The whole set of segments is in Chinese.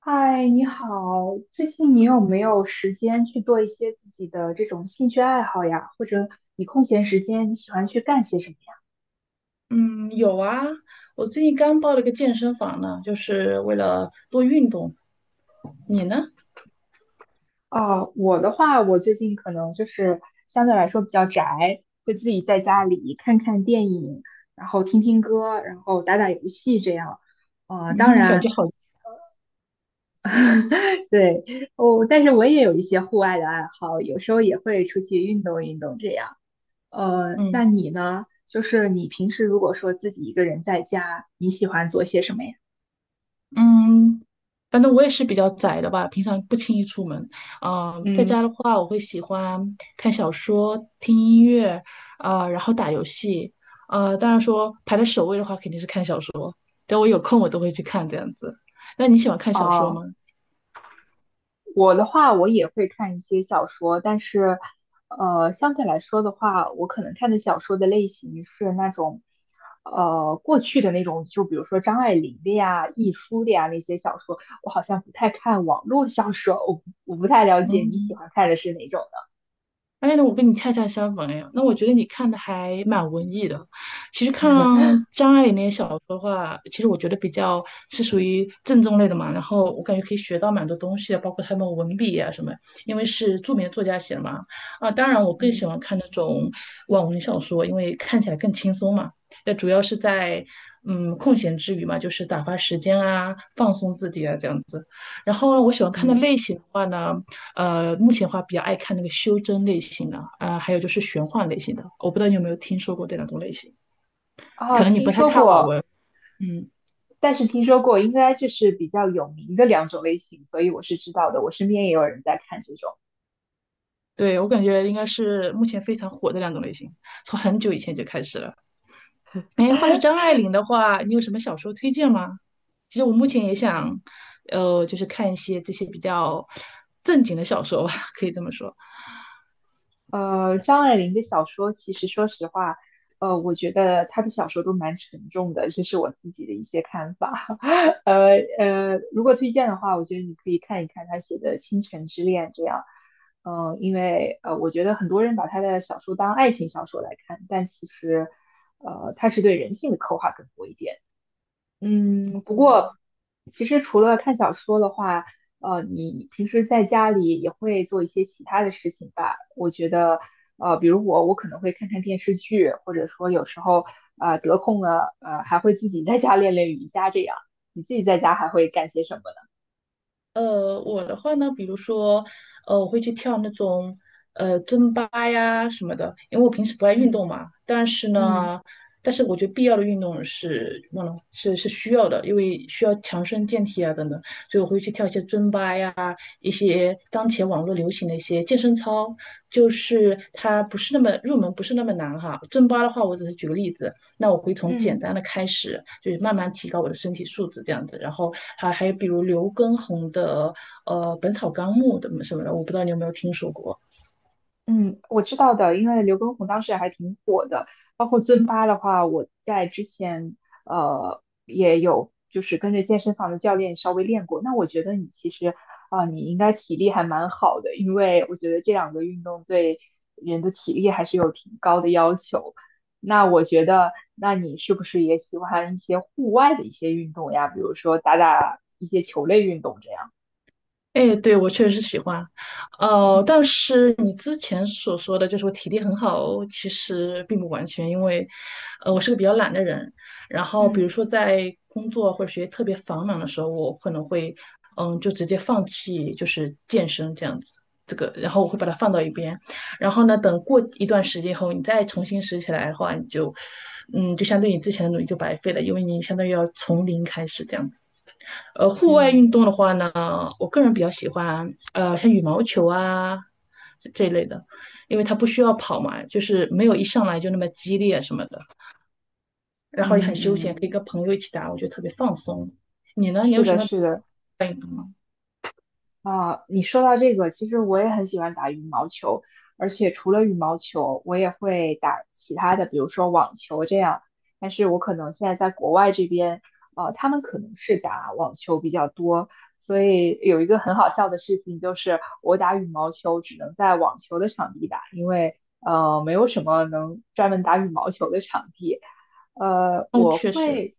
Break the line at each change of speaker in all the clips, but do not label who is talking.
嗨，你好，最近你有没有时间去做一些自己的这种兴趣爱好呀？或者你空闲时间你喜欢去干些什么呀？
嗯，有啊，我最近刚报了个健身房呢，就是为了多运动。你呢？
哦，我的话，我最近可能就是相对来说比较宅，会自己在家里看看电影，然后听听歌，然后打打游戏这样。呃，当
嗯，感
然，
觉好。
对，哦，但是我也有一些户外的爱好，有时候也会出去运动运动这样。
嗯
那你呢？就是你平时如果说自己一个人在家，你喜欢做些什么呀？
嗯，反正我也是比较宅的吧，平常不轻易出门。嗯、在家
嗯，
的话，我会喜欢看小说、听音乐，啊，然后打游戏。当然说排在首位的话，肯定是看小说。等我有空，我都会去看这样子。那你喜欢看小说
哦，
吗？
我的话，我也会看一些小说，但是，相对来说的话，我可能看的小说的类型是那种，过去的那种，就比如说张爱玲的呀、亦舒的呀那些小说，我好像不太看网络小说，我不太了解你喜
嗯。
欢看的是哪种
哎，那我跟你恰恰相反哎，那我觉得你看的还蛮文艺的。其实看张爱玲那些小说的话，其实我觉得比较是属于正宗类的嘛。然后我感觉可以学到蛮多东西的，包括他们文笔啊什么，因为是著名的作家写的嘛。啊，当然我
的。
更喜
嗯
欢看那种网文小说，因为看起来更轻松嘛。那主要是在空闲之余嘛，就是打发时间啊，放松自己啊这样子。然后呢，我喜欢看的
嗯。
类型的话呢。目前的话比较爱看那个修真类型的，还有就是玄幻类型的。我不知道你有没有听说过这两种类型，
啊，
可能你
听
不太
说
看网
过，
文。嗯，
但是听说过，应该就是比较有名的两种类型，所以我是知道的。我身边也有人在看这种。
对，我感觉应该是目前非常火的两种类型，从很久以前就开始了。哎，话说张爱玲的话，你有什么小说推荐吗？其实我目前也想，就是看一些这些比较正经的小说吧，可以这么说。
呃，张爱玲的小说，其实说实话，我觉得她的小说都蛮沉重的，这是我自己的一些看法。如果推荐的话，我觉得你可以看一看她写的《倾城之恋》这样。嗯、呃因为呃，我觉得很多人把她的小说当爱情小说来看，但其实，她是对人性的刻画更多一点。嗯，不
嗯。
过其实除了看小说的话，你平时在家里也会做一些其他的事情吧？我觉得，呃，比如我，我可能会看看电视剧，或者说有时候，得空了，还会自己在家练练瑜伽这样。你自己在家还会干些什么呢？
我的话呢，比如说，我会去跳那种尊巴呀什么的，因为我平时不爱运
嗯
动嘛。
嗯
但是我觉得必要的运动是忘了是需要的，因为需要强身健体啊等等，所以我会去跳一些尊巴呀，一些当前网络流行的一些健身操，就是它不是那么入门，不是那么难哈。尊巴的话，我只是举个例子，那我会从简
嗯。
单的开始，就是慢慢提高我的身体素质这样子。然后还有比如刘畊宏的《本草纲目》的什么的，我不知道你有没有听说过。
嗯，我知道的，因为刘畊宏当时还挺火的，包括尊巴的话，我在之前也有就是跟着健身房的教练稍微练过。那我觉得你其实你应该体力还蛮好的，因为我觉得这两个运动对人的体力还是有挺高的要求。那我觉得，那你是不是也喜欢一些户外的一些运动呀？比如说打打一些球类运动这样。
哎，对，我确实是喜欢，
嗯
但是你之前所说的就是我体力很好，其实并不完全，因为，我是个比较懒的人，然后比
嗯
如说在工作或者学习特别繁忙的时候，我可能会，嗯，就直接放弃就是健身这样子，这个，然后我会把它放到一边，然后呢，等过一段时间后，你再重新拾起来的话，你就，嗯，就相对你之前的努力就白费了，因为你相当于要从零开始这样子。户外运
嗯
动的话呢，我个人比较喜欢像羽毛球啊这一类的，因为它不需要跑嘛，就是没有一上来就那么激烈什么的，然后也很
嗯
休闲，可以跟
嗯，
朋友一起打，我觉得特别放松。你呢？你
是
有
的，
什么
是的。
运动吗？
啊，你说到这个，其实我也很喜欢打羽毛球，而且除了羽毛球，我也会打其他的，比如说网球这样。但是我可能现在在国外这边，他们可能是打网球比较多，所以有一个很好笑的事情就是，我打羽毛球只能在网球的场地打，因为没有什么能专门打羽毛球的场地。呃，
哦，
我
确实。
会。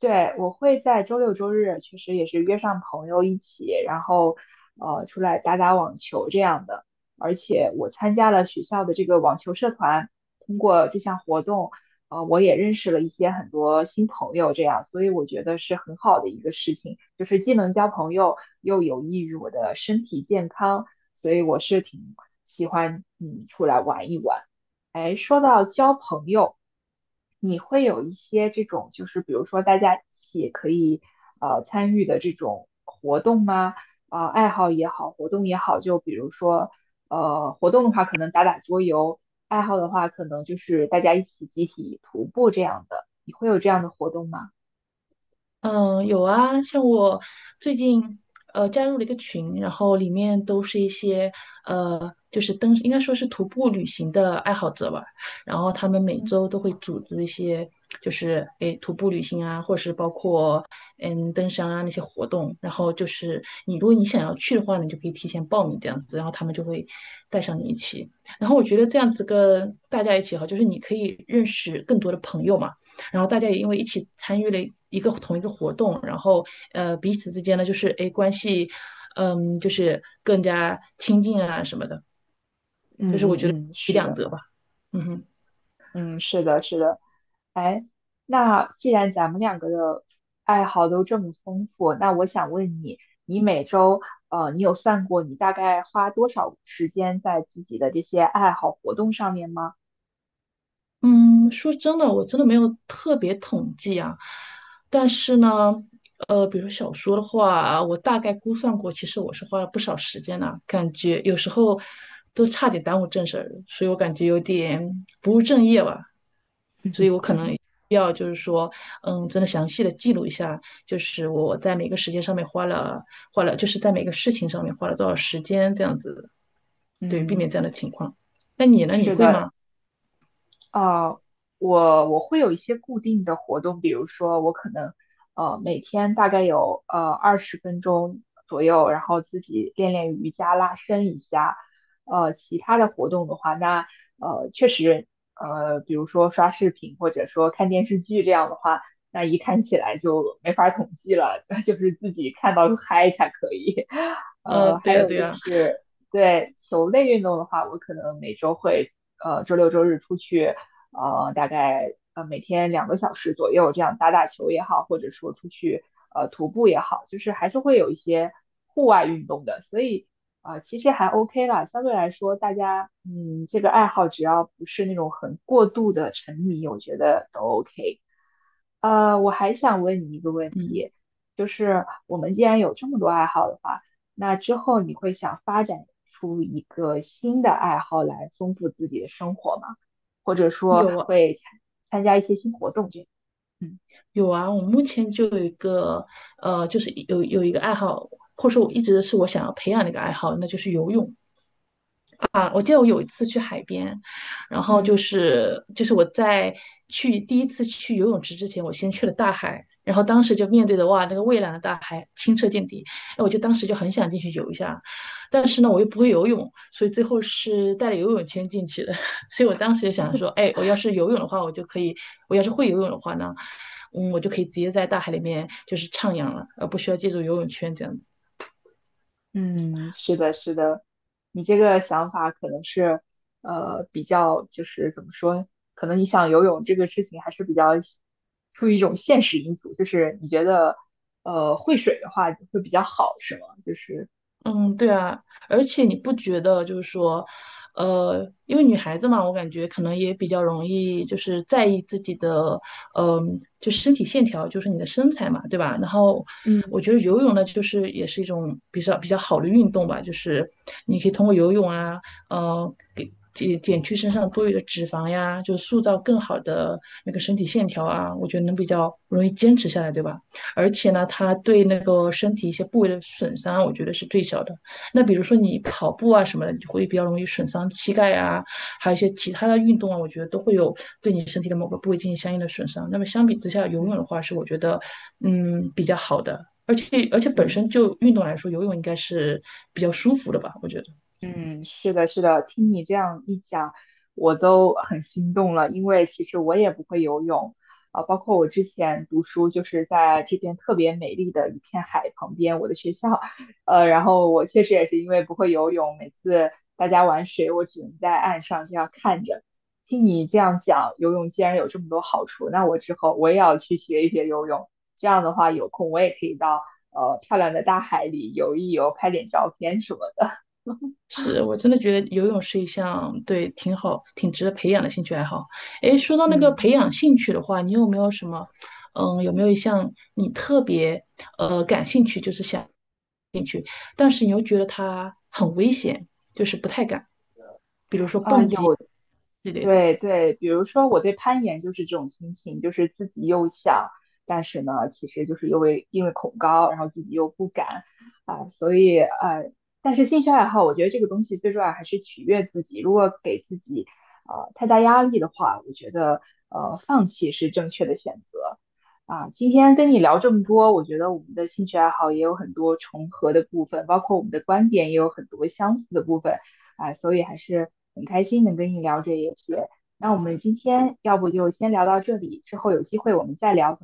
对，我会在周六周日，其实也是约上朋友一起，然后出来打打网球这样的。而且我参加了学校的这个网球社团，通过这项活动，我也认识了一些很多新朋友，这样，所以我觉得是很好的一个事情，就是既能交朋友，又有益于我的身体健康，所以我是挺喜欢出来玩一玩。哎，说到交朋友，你会有一些这种，就是比如说大家一起可以参与的这种活动吗？啊、爱好也好，活动也好，就比如说活动的话可能打打桌游，爱好的话可能就是大家一起集体徒步这样的。你会有这样的活动吗？
嗯，有啊，像我最近加入了一个群，然后里面都是一些呃就是登，应该说是徒步旅行的爱好者吧。然后他们每
嗯
周都会组织一些就是诶徒步旅行啊，或者是包括登山啊那些活动。然后就是你如果你想要去的话，你就可以提前报名这样子，然后他们就会带上你一起。然后我觉得这样子跟大家一起哈，就是你可以认识更多的朋友嘛。然后大家也因为一起参与了同一个活动，然后彼此之间呢就是哎关系，嗯就是更加亲近啊什么的，
嗯嗯嗯，
一举
是
两
的，
得吧，嗯哼。
嗯是的，是的。哎，那既然咱们两个的爱好都这么丰富，那我想问你，你每周，你有算过你大概花多少时间在自己的这些爱好活动上面吗？
嗯，说真的，我真的没有特别统计啊，但是呢。比如说小说的话，我大概估算过，其实我是花了不少时间呢、感觉有时候都差点耽误正事儿，所以我感觉有点不务正业吧。必要就是说，嗯，真的详细的记录一下，就是我在每个时间上面花了花了，就是在每个事情上面花了多少时间这样子，对，避
嗯，
免这样的情况。那你呢？你
是
会
的，
吗？
啊，我会有一些固定的活动，比如说我可能每天大概有20分钟左右，然后自己练练瑜伽、拉伸一下。呃，其他的活动的话，那呃确实呃，比如说刷视频或者说看电视剧这样的话，那一看起来就没法统计了，就是自己看到嗨才可以。
对
还
呀，
有
对
就
呀。
是对球类运动的话，我可能每周会。呃，周六周日出去大概每天2个小时左右这样打打球也好，或者说出去徒步也好，就是还是会有一些户外运动的，所以其实还 OK 啦，相对来说大家这个爱好只要不是那种很过度的沉迷，我觉得都 OK。呃，我还想问你一个问
嗯，
题，就是我们既然有这么多爱好的话，那之后你会想发展出一个新的爱好来丰富自己的生活吗？或者说
有啊，
会参参加一些新活动这样？嗯
有啊。我目前就有一个，就是有一个爱好，或者说我一直是我想要培养的一个爱好，那就是游泳。啊，我记得我有一次去海边，然后就
嗯。
是就是我在去第一次去游泳池之前，我先去了大海，然后当时就面对的哇，那个蔚蓝的大海，清澈见底，哎，我就当时就很想进去游一下，但是呢，我又不会游泳，所以最后是带了游泳圈进去的，所以我当时就想说，哎，我要是游泳的话，我就可以，我要是会游泳的话呢，嗯，我就可以直接在大海里面就是徜徉了，而不需要借助游泳圈这样子。
嗯，是的，是的，你这个想法可能是，比较就是怎么说，可能你想游泳这个事情还是比较出于一种现实因素，就是你觉得，会水的话会比较好，是吗？就是，
嗯，对啊，而且你不觉得就是说，因为女孩子嘛，我感觉可能也比较容易就是在意自己的，嗯、就身体线条，就是你的身材嘛，对吧？然后
嗯。
我觉得游泳呢，就是也是一种比较好的运动吧，就是你可以通过游泳啊，给减去身上多余的脂肪呀，就塑造更好的那个身体线条啊，我觉得能比较容易坚持下来，对吧？而且呢，它对那个身体一些部位的损伤，我觉得是最小的。那比如说你跑步啊什么的，你就会比较容易损伤膝盖啊，还有一些其他的运动啊，我觉得都会有对你身体的某个部位进行相应的损伤。那么相比之下，游泳
嗯
的话是我觉得比较好的，而且本
嗯。
身就运动来说，游泳应该是比较舒服的吧，我觉得。
嗯，是的，是的，听你这样一讲，我都很心动了，因为其实我也不会游泳，啊、包括我之前读书就是在这边特别美丽的一片海旁边，我的学校，然后我确实也是因为不会游泳，每次大家玩水，我只能在岸上这样看着。听你这样讲，游泳既然有这么多好处，那我之后我也要去学一学游泳，这样的话有空我也可以到漂亮的大海里游一游，拍点照片什么的，
是我真的觉得游泳是一项对挺好、挺值得培养的兴趣爱好。诶，说到 那个培
嗯。
养兴趣的话，你有没有什么，嗯，有没有一项你特别感兴趣，就是想，但是你又觉得它很危险，就是不太敢
啊，有，
之类的？
对对，比如说我对攀岩就是这种心情，就是自己又想，但是呢，其实就是因为恐高，然后自己又不敢啊，所以呃，但是兴趣爱好，我觉得这个东西最重要还是取悦自己。如果给自己太大压力的话，我觉得放弃是正确的选择啊。今天跟你聊这么多，我觉得我们的兴趣爱好也有很多重合的部分，包括我们的观点也有很多相似的部分。啊、所以还是很开心能跟你聊这一些。那我们今天要不就先聊到这里，之后有机会我们再聊。